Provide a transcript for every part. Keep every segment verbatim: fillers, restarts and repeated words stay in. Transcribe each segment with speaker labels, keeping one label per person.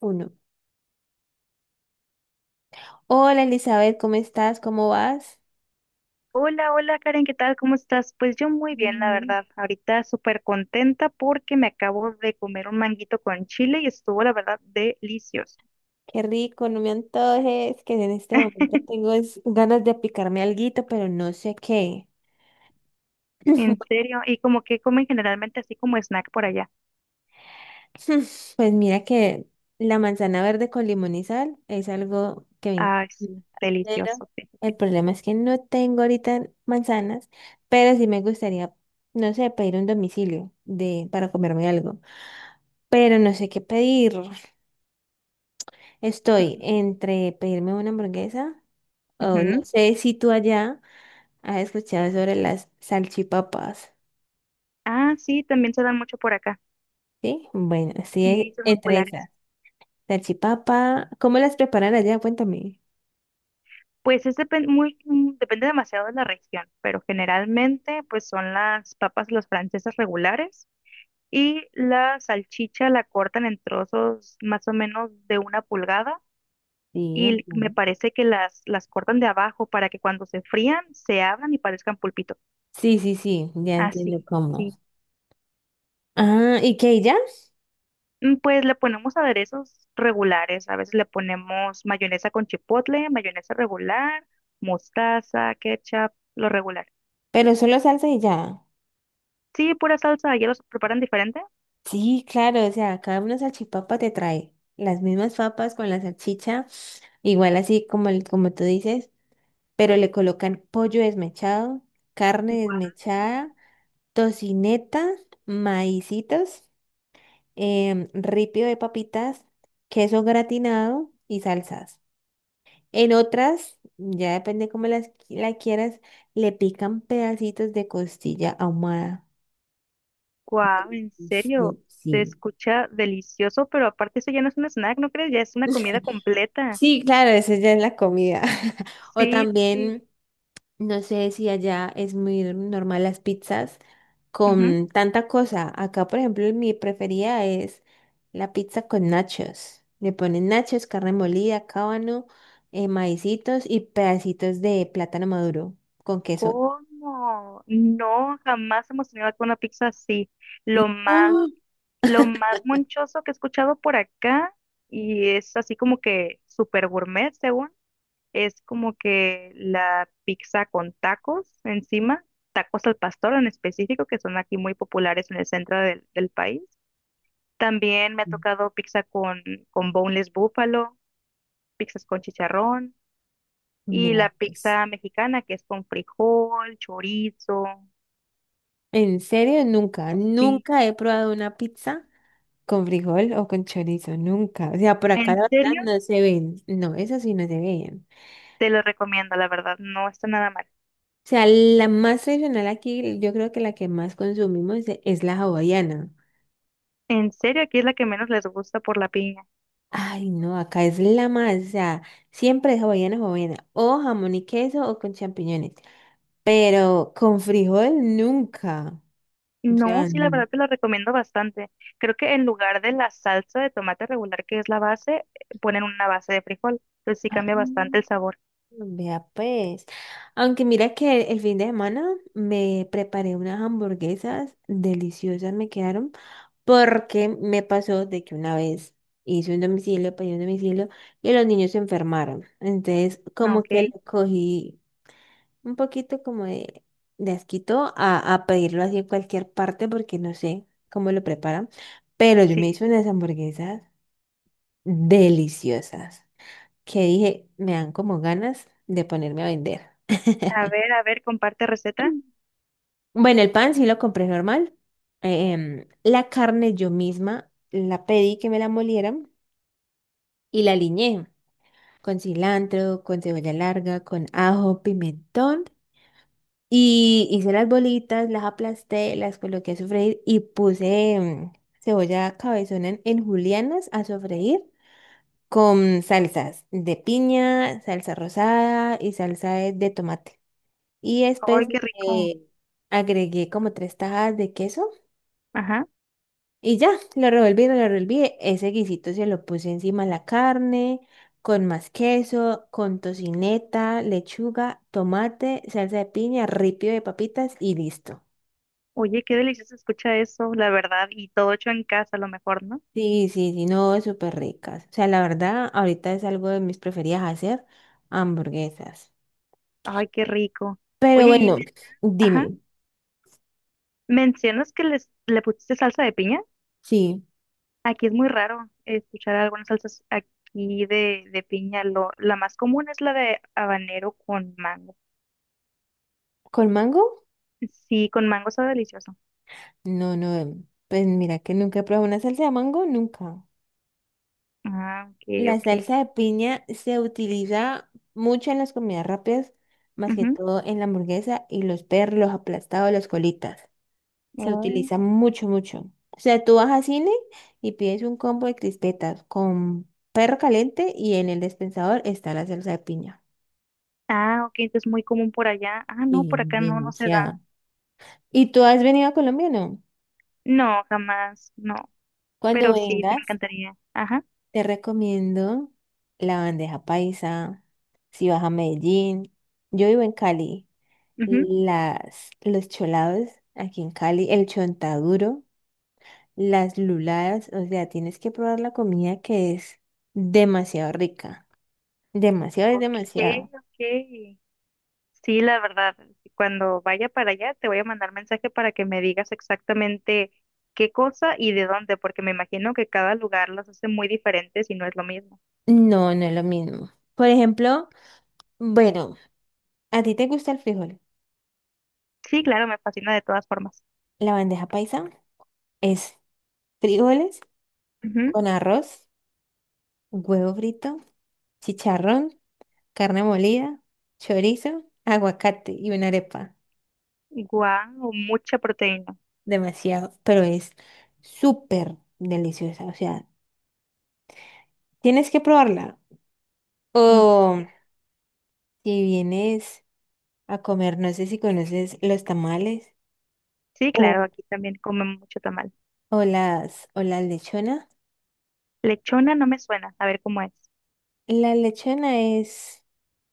Speaker 1: Uno. Hola Elizabeth, ¿cómo estás? ¿Cómo vas?
Speaker 2: Hola, hola Karen, ¿qué tal? ¿Cómo estás? Pues yo muy bien, la
Speaker 1: Mm,
Speaker 2: verdad. Ahorita súper contenta porque me acabo de comer un manguito con chile y estuvo, la verdad, delicioso.
Speaker 1: qué rico, no me antojes, que en este momento tengo es- ganas de picarme alguito, pero no sé qué.
Speaker 2: En
Speaker 1: Bueno,
Speaker 2: serio, y como que comen generalmente así como snack por allá.
Speaker 1: pues mira que la manzana verde con limón y sal es algo que me encanta.
Speaker 2: Ay, sí,
Speaker 1: Pero
Speaker 2: delicioso. Sí, sí,
Speaker 1: el
Speaker 2: sí.
Speaker 1: problema es que no tengo ahorita manzanas, pero sí me gustaría, no sé, pedir un domicilio de, para comerme algo. Pero no sé qué pedir. Estoy entre pedirme una hamburguesa. Oh, no
Speaker 2: Ujú.
Speaker 1: sé si tú allá has escuchado sobre las salchipapas.
Speaker 2: Ah, sí, también se dan mucho por acá.
Speaker 1: ¿Sí? Bueno, sí,
Speaker 2: Sí,
Speaker 1: e-
Speaker 2: son muy
Speaker 1: entre
Speaker 2: populares.
Speaker 1: esas. Salchipapa, ¿cómo las preparan allá? Cuéntame.
Speaker 2: Pues es depen- muy, mm, depende demasiado de la región, pero generalmente pues son las papas, los franceses regulares. Y la salchicha la cortan en trozos más o menos de una pulgada
Speaker 1: Sí,
Speaker 2: y me
Speaker 1: entiendo.
Speaker 2: parece que las, las cortan de abajo para que cuando se frían se abran y parezcan pulpito.
Speaker 1: Sí, sí, sí, ya entiendo
Speaker 2: Así,
Speaker 1: cómo.
Speaker 2: sí.
Speaker 1: Ah, ¿y qué, y ya?
Speaker 2: Mm, pues le ponemos aderezos regulares. A veces le ponemos mayonesa con chipotle, mayonesa regular, mostaza, ketchup, lo regular.
Speaker 1: Pero solo salsa y ya.
Speaker 2: Sí, pura salsa, ya los preparan diferente.
Speaker 1: Sí, claro, o sea, cada una salchipapa te trae las mismas papas con la salchicha, igual así como, el- como tú dices, pero le colocan pollo desmechado, carne
Speaker 2: Guau.
Speaker 1: desmechada, tocineta, maicitos, em, ripio de papitas, queso gratinado y salsas. En otras, ya depende cómo las, qui- la quieras, le pican pedacitos de costilla ahumada.
Speaker 2: Guau, en serio,
Speaker 1: Sí,
Speaker 2: se
Speaker 1: sí,
Speaker 2: escucha delicioso, pero aparte eso ya no es un snack, ¿no crees? Ya es una comida completa.
Speaker 1: sí, claro, esa ya es la comida. O
Speaker 2: Sí, sí, sí.
Speaker 1: también no sé si allá es muy normal las pizzas
Speaker 2: Ujú.
Speaker 1: con tanta cosa. Acá, por ejemplo, mi preferida es la pizza con nachos. Le ponen nachos, carne molida, cábano, eh, maicitos y pedacitos de plátano maduro con queso.
Speaker 2: ¿Cómo? No, jamás hemos tenido acá una pizza así. Lo más,
Speaker 1: No,
Speaker 2: lo más monchoso que he escuchado por acá, y es así como que super gourmet, según, es como que la pizza con tacos encima, tacos al pastor en específico, que son aquí muy populares en el centro del del país. También me ha tocado pizza con, con boneless búfalo, pizzas con chicharrón y la
Speaker 1: mira, pues.
Speaker 2: pizza mexicana que es con frijol, chorizo.
Speaker 1: En serio, nunca,
Speaker 2: Sí,
Speaker 1: nunca he probado una pizza con frijol o con chorizo, nunca. O sea, por acá
Speaker 2: en
Speaker 1: la verdad
Speaker 2: serio,
Speaker 1: no se ven. No, esas sí no se ven.
Speaker 2: te lo recomiendo, la verdad, no está nada mal.
Speaker 1: O sea, la más tradicional aquí, yo creo que la que más consumimos e- es la hawaiana.
Speaker 2: En serio, aquí es la que menos les gusta por la piña.
Speaker 1: Ay, no, acá es la más, o sea, siempre es hawaiana, hawaiana, o jamón y queso o con champiñones, pero con frijol nunca. O
Speaker 2: No,
Speaker 1: sea,
Speaker 2: sí, la
Speaker 1: n-
Speaker 2: verdad te lo recomiendo bastante. Creo que en lugar de la salsa de tomate regular que es la base, eh, ponen una base de frijol. Entonces sí
Speaker 1: ah,
Speaker 2: cambia bastante el sabor.
Speaker 1: vea pues. Aunque mira que el fin de semana me preparé unas hamburguesas deliciosas, me quedaron. Porque me pasó de que una vez hice un domicilio, pedí un domicilio y los niños se enfermaron. Entonces,
Speaker 2: Ah,
Speaker 1: como
Speaker 2: ok,
Speaker 1: que le cogí un poquito como de, de asquito a, a pedirlo así en cualquier parte porque no sé cómo lo preparan. Pero yo me
Speaker 2: sí.
Speaker 1: hice unas hamburguesas deliciosas que dije, me dan como ganas de ponerme a vender.
Speaker 2: A ver, a ver, comparte receta.
Speaker 1: Bueno, el pan sí lo compré normal. Em, la carne yo misma la pedí que me la molieran y la aliñé con cilantro, con cebolla larga, con ajo, pimentón. Y hice las bolitas, las aplasté, las coloqué a sofreír y puse mm, cebolla cabezona en, en julianas a sofreír con salsas de piña, salsa rosada y salsa de, de tomate. Y
Speaker 2: ¡Ay,
Speaker 1: después,
Speaker 2: qué rico!
Speaker 1: eh, agregué como tres tajadas de queso.
Speaker 2: Ajá.
Speaker 1: Y ya, lo revolví, lo revolví. Ese guisito se lo puse encima la carne, con más queso, con tocineta, lechuga, tomate, salsa de piña, ripio de papitas y listo.
Speaker 2: Oye, qué delicioso se escucha eso, la verdad, y todo hecho en casa a lo mejor, ¿no?
Speaker 1: Sí, sí, sí, no, súper ricas. O sea, la verdad, ahorita es algo de mis preferidas hacer, hamburguesas.
Speaker 2: Ay, qué rico.
Speaker 1: Pero
Speaker 2: Oye, y
Speaker 1: bueno,
Speaker 2: me- ajá,
Speaker 1: dime,
Speaker 2: ¿mencionas que les, le pusiste salsa de piña?
Speaker 1: sí,
Speaker 2: Aquí es muy raro escuchar algunas salsas aquí de, de piña. Lo, la más común es la de habanero con mango.
Speaker 1: ¿con mango?
Speaker 2: Sí, con mango está delicioso.
Speaker 1: No, no, pues mira que nunca he probado una salsa de mango, nunca.
Speaker 2: Ah, ok,
Speaker 1: La
Speaker 2: ok.
Speaker 1: salsa de piña se utiliza mucho en las comidas rápidas, más que
Speaker 2: Ujú.
Speaker 1: todo en la hamburguesa y los perros, los aplastados, las colitas. Se
Speaker 2: Oh.
Speaker 1: utiliza mucho, mucho. O sea, tú vas a cine y pides un combo de crispetas con perro caliente y en el dispensador está la salsa de piña.
Speaker 2: Ah, ok, entonces muy común por allá. Ah, no,
Speaker 1: Y
Speaker 2: por acá no, no se
Speaker 1: demasiado.
Speaker 2: da.
Speaker 1: ¿Y tú has venido a Colombia o no?
Speaker 2: No, jamás, no.
Speaker 1: Cuando
Speaker 2: Pero sí, sí me
Speaker 1: vengas,
Speaker 2: encantaría. Ajá.
Speaker 1: te recomiendo la bandeja paisa, si vas a Medellín. Yo vivo en Cali. Las, los cholados aquí en Cali, el chontaduro, las luladas, o sea, tienes que probar la comida que es demasiado rica, demasiado es
Speaker 2: Ok,
Speaker 1: demasiado.
Speaker 2: ok. Sí, la verdad, cuando vaya para allá te voy a mandar mensaje para que me digas exactamente qué cosa y de dónde, porque me imagino que cada lugar las hace muy diferentes y no es lo mismo.
Speaker 1: No, no es lo mismo. Por ejemplo, bueno, ¿a ti te gusta el frijol?
Speaker 2: Sí, claro, me fascina de todas formas.
Speaker 1: La bandeja paisa es frijoles con arroz, huevo frito, chicharrón, carne molida, chorizo, aguacate y una arepa.
Speaker 2: Guau, mucha proteína.
Speaker 1: Demasiado, pero es súper deliciosa, o sea, tienes que probarla.
Speaker 2: Mm,
Speaker 1: O
Speaker 2: sí.
Speaker 1: si vienes a comer, no sé si conoces los tamales
Speaker 2: Sí, claro,
Speaker 1: o,
Speaker 2: aquí también comen mucho tamal.
Speaker 1: o las o la lechona.
Speaker 2: Lechona no me suena, a ver cómo es.
Speaker 1: La lechona es,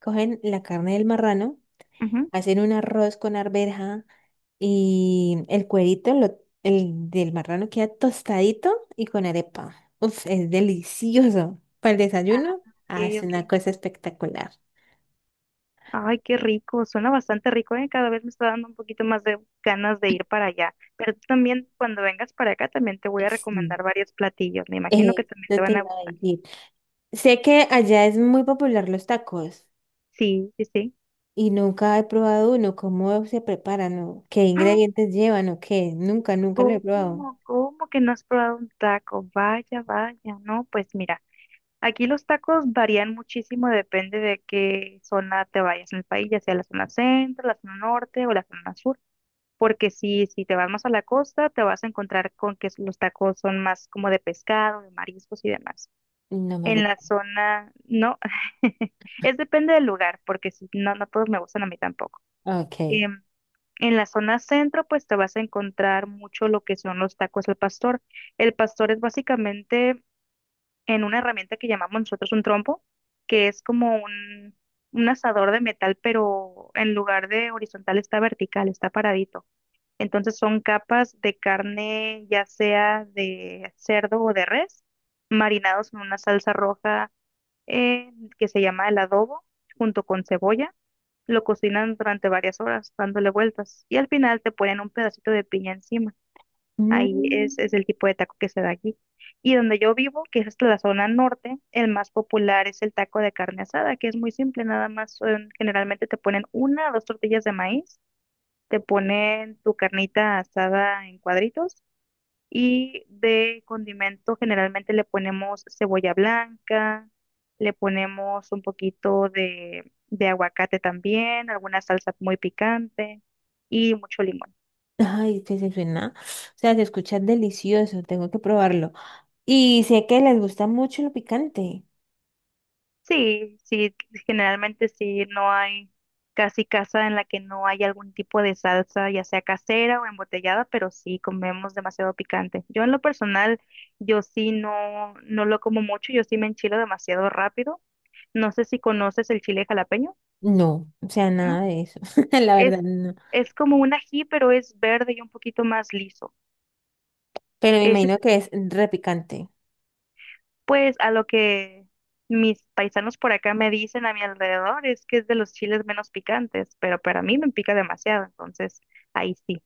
Speaker 1: cogen la carne del marrano,
Speaker 2: Ujú.
Speaker 1: hacen un arroz con arveja y el cuerito lo- el del marrano queda tostadito y con arepa. Uf, es delicioso. Para el
Speaker 2: Ah,
Speaker 1: desayuno, ah,
Speaker 2: ok,
Speaker 1: es una
Speaker 2: ok.
Speaker 1: cosa espectacular.
Speaker 2: Ay, qué rico, suena bastante rico, ¿eh? Cada vez me está dando un poquito más de ganas de ir para allá. Pero tú también, cuando vengas para acá, también te voy a
Speaker 1: Sí.
Speaker 2: recomendar varios platillos. Me imagino que
Speaker 1: Eh,
Speaker 2: también te
Speaker 1: yo te
Speaker 2: van a
Speaker 1: iba a
Speaker 2: gustar.
Speaker 1: decir. Sé que allá es muy popular los tacos
Speaker 2: Sí, sí, sí.
Speaker 1: y nunca he probado uno. ¿Cómo se preparan o qué
Speaker 2: Ah,
Speaker 1: ingredientes llevan o qué? Nunca, nunca lo he
Speaker 2: ¿cómo?
Speaker 1: probado.
Speaker 2: ¿Cómo que no has probado un taco? Vaya, vaya, no, pues mira, aquí los tacos varían muchísimo, depende de qué zona te vayas en el país, ya sea la zona centro, la zona norte o la zona sur. Porque si, si te vas más a la costa, te vas a encontrar con que los tacos son más como de pescado, de mariscos y demás.
Speaker 1: No me
Speaker 2: En la
Speaker 1: gusta.
Speaker 2: zona, no, es depende del lugar, porque si, no, no todos me gustan a mí tampoco.
Speaker 1: Ok.
Speaker 2: Em, en la zona centro, pues te vas a encontrar mucho lo que son los tacos al pastor. El pastor es básicamente en una herramienta que llamamos nosotros un trompo, que es como un, un asador de metal, pero en lugar de horizontal está vertical, está paradito. Entonces son capas de carne, ya sea de cerdo o de res, marinados en una salsa roja eh, que se llama el adobo, junto con cebolla. Lo cocinan durante varias horas, dándole vueltas. Y al final te ponen un pedacito de piña encima. Ahí es,
Speaker 1: Mm,
Speaker 2: es el tipo de taco que se da aquí. Y donde yo vivo, que es hasta la zona norte, el más popular es el taco de carne asada, que es muy simple, nada más son- generalmente te ponen una o dos tortillas de maíz, te ponen tu carnita asada en cuadritos y de condimento generalmente le ponemos cebolla blanca, le ponemos un poquito de, de aguacate también, alguna salsa muy picante y mucho limón.
Speaker 1: ay, que se suena. O sea, se escucha delicioso. Tengo que probarlo. Y sé que les gusta mucho lo picante.
Speaker 2: Sí, sí, generalmente sí, no hay casi casa en la que no haya algún tipo de salsa, ya sea casera o embotellada, pero sí comemos demasiado picante. Yo en lo personal, yo sí no, no lo como mucho, yo sí me enchilo demasiado rápido. No sé si conoces el chile jalapeño,
Speaker 1: No, o sea,
Speaker 2: ¿no?
Speaker 1: nada de eso. La
Speaker 2: Es,
Speaker 1: verdad, no.
Speaker 2: es como un ají, pero es verde y un poquito más liso.
Speaker 1: Pero me
Speaker 2: Ese,
Speaker 1: imagino que es repicante.
Speaker 2: pues a lo que mis paisanos por acá me dicen a mi alrededor es que es de los chiles menos picantes, pero para mí me pica demasiado, entonces ahí sí.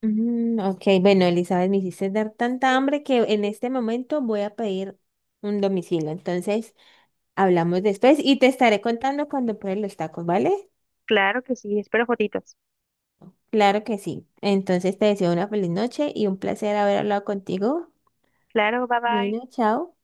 Speaker 1: Mm, ok, bueno, Elizabeth, me hiciste dar tanta hambre que en este momento voy a pedir un domicilio. Entonces, hablamos después y te estaré contando cuando pruebe los tacos, ¿vale?
Speaker 2: Claro que sí, espero fotitos.
Speaker 1: Claro que sí. Entonces, te deseo una feliz noche y un placer haber hablado contigo.
Speaker 2: Claro, bye
Speaker 1: Bueno,
Speaker 2: bye.
Speaker 1: chao.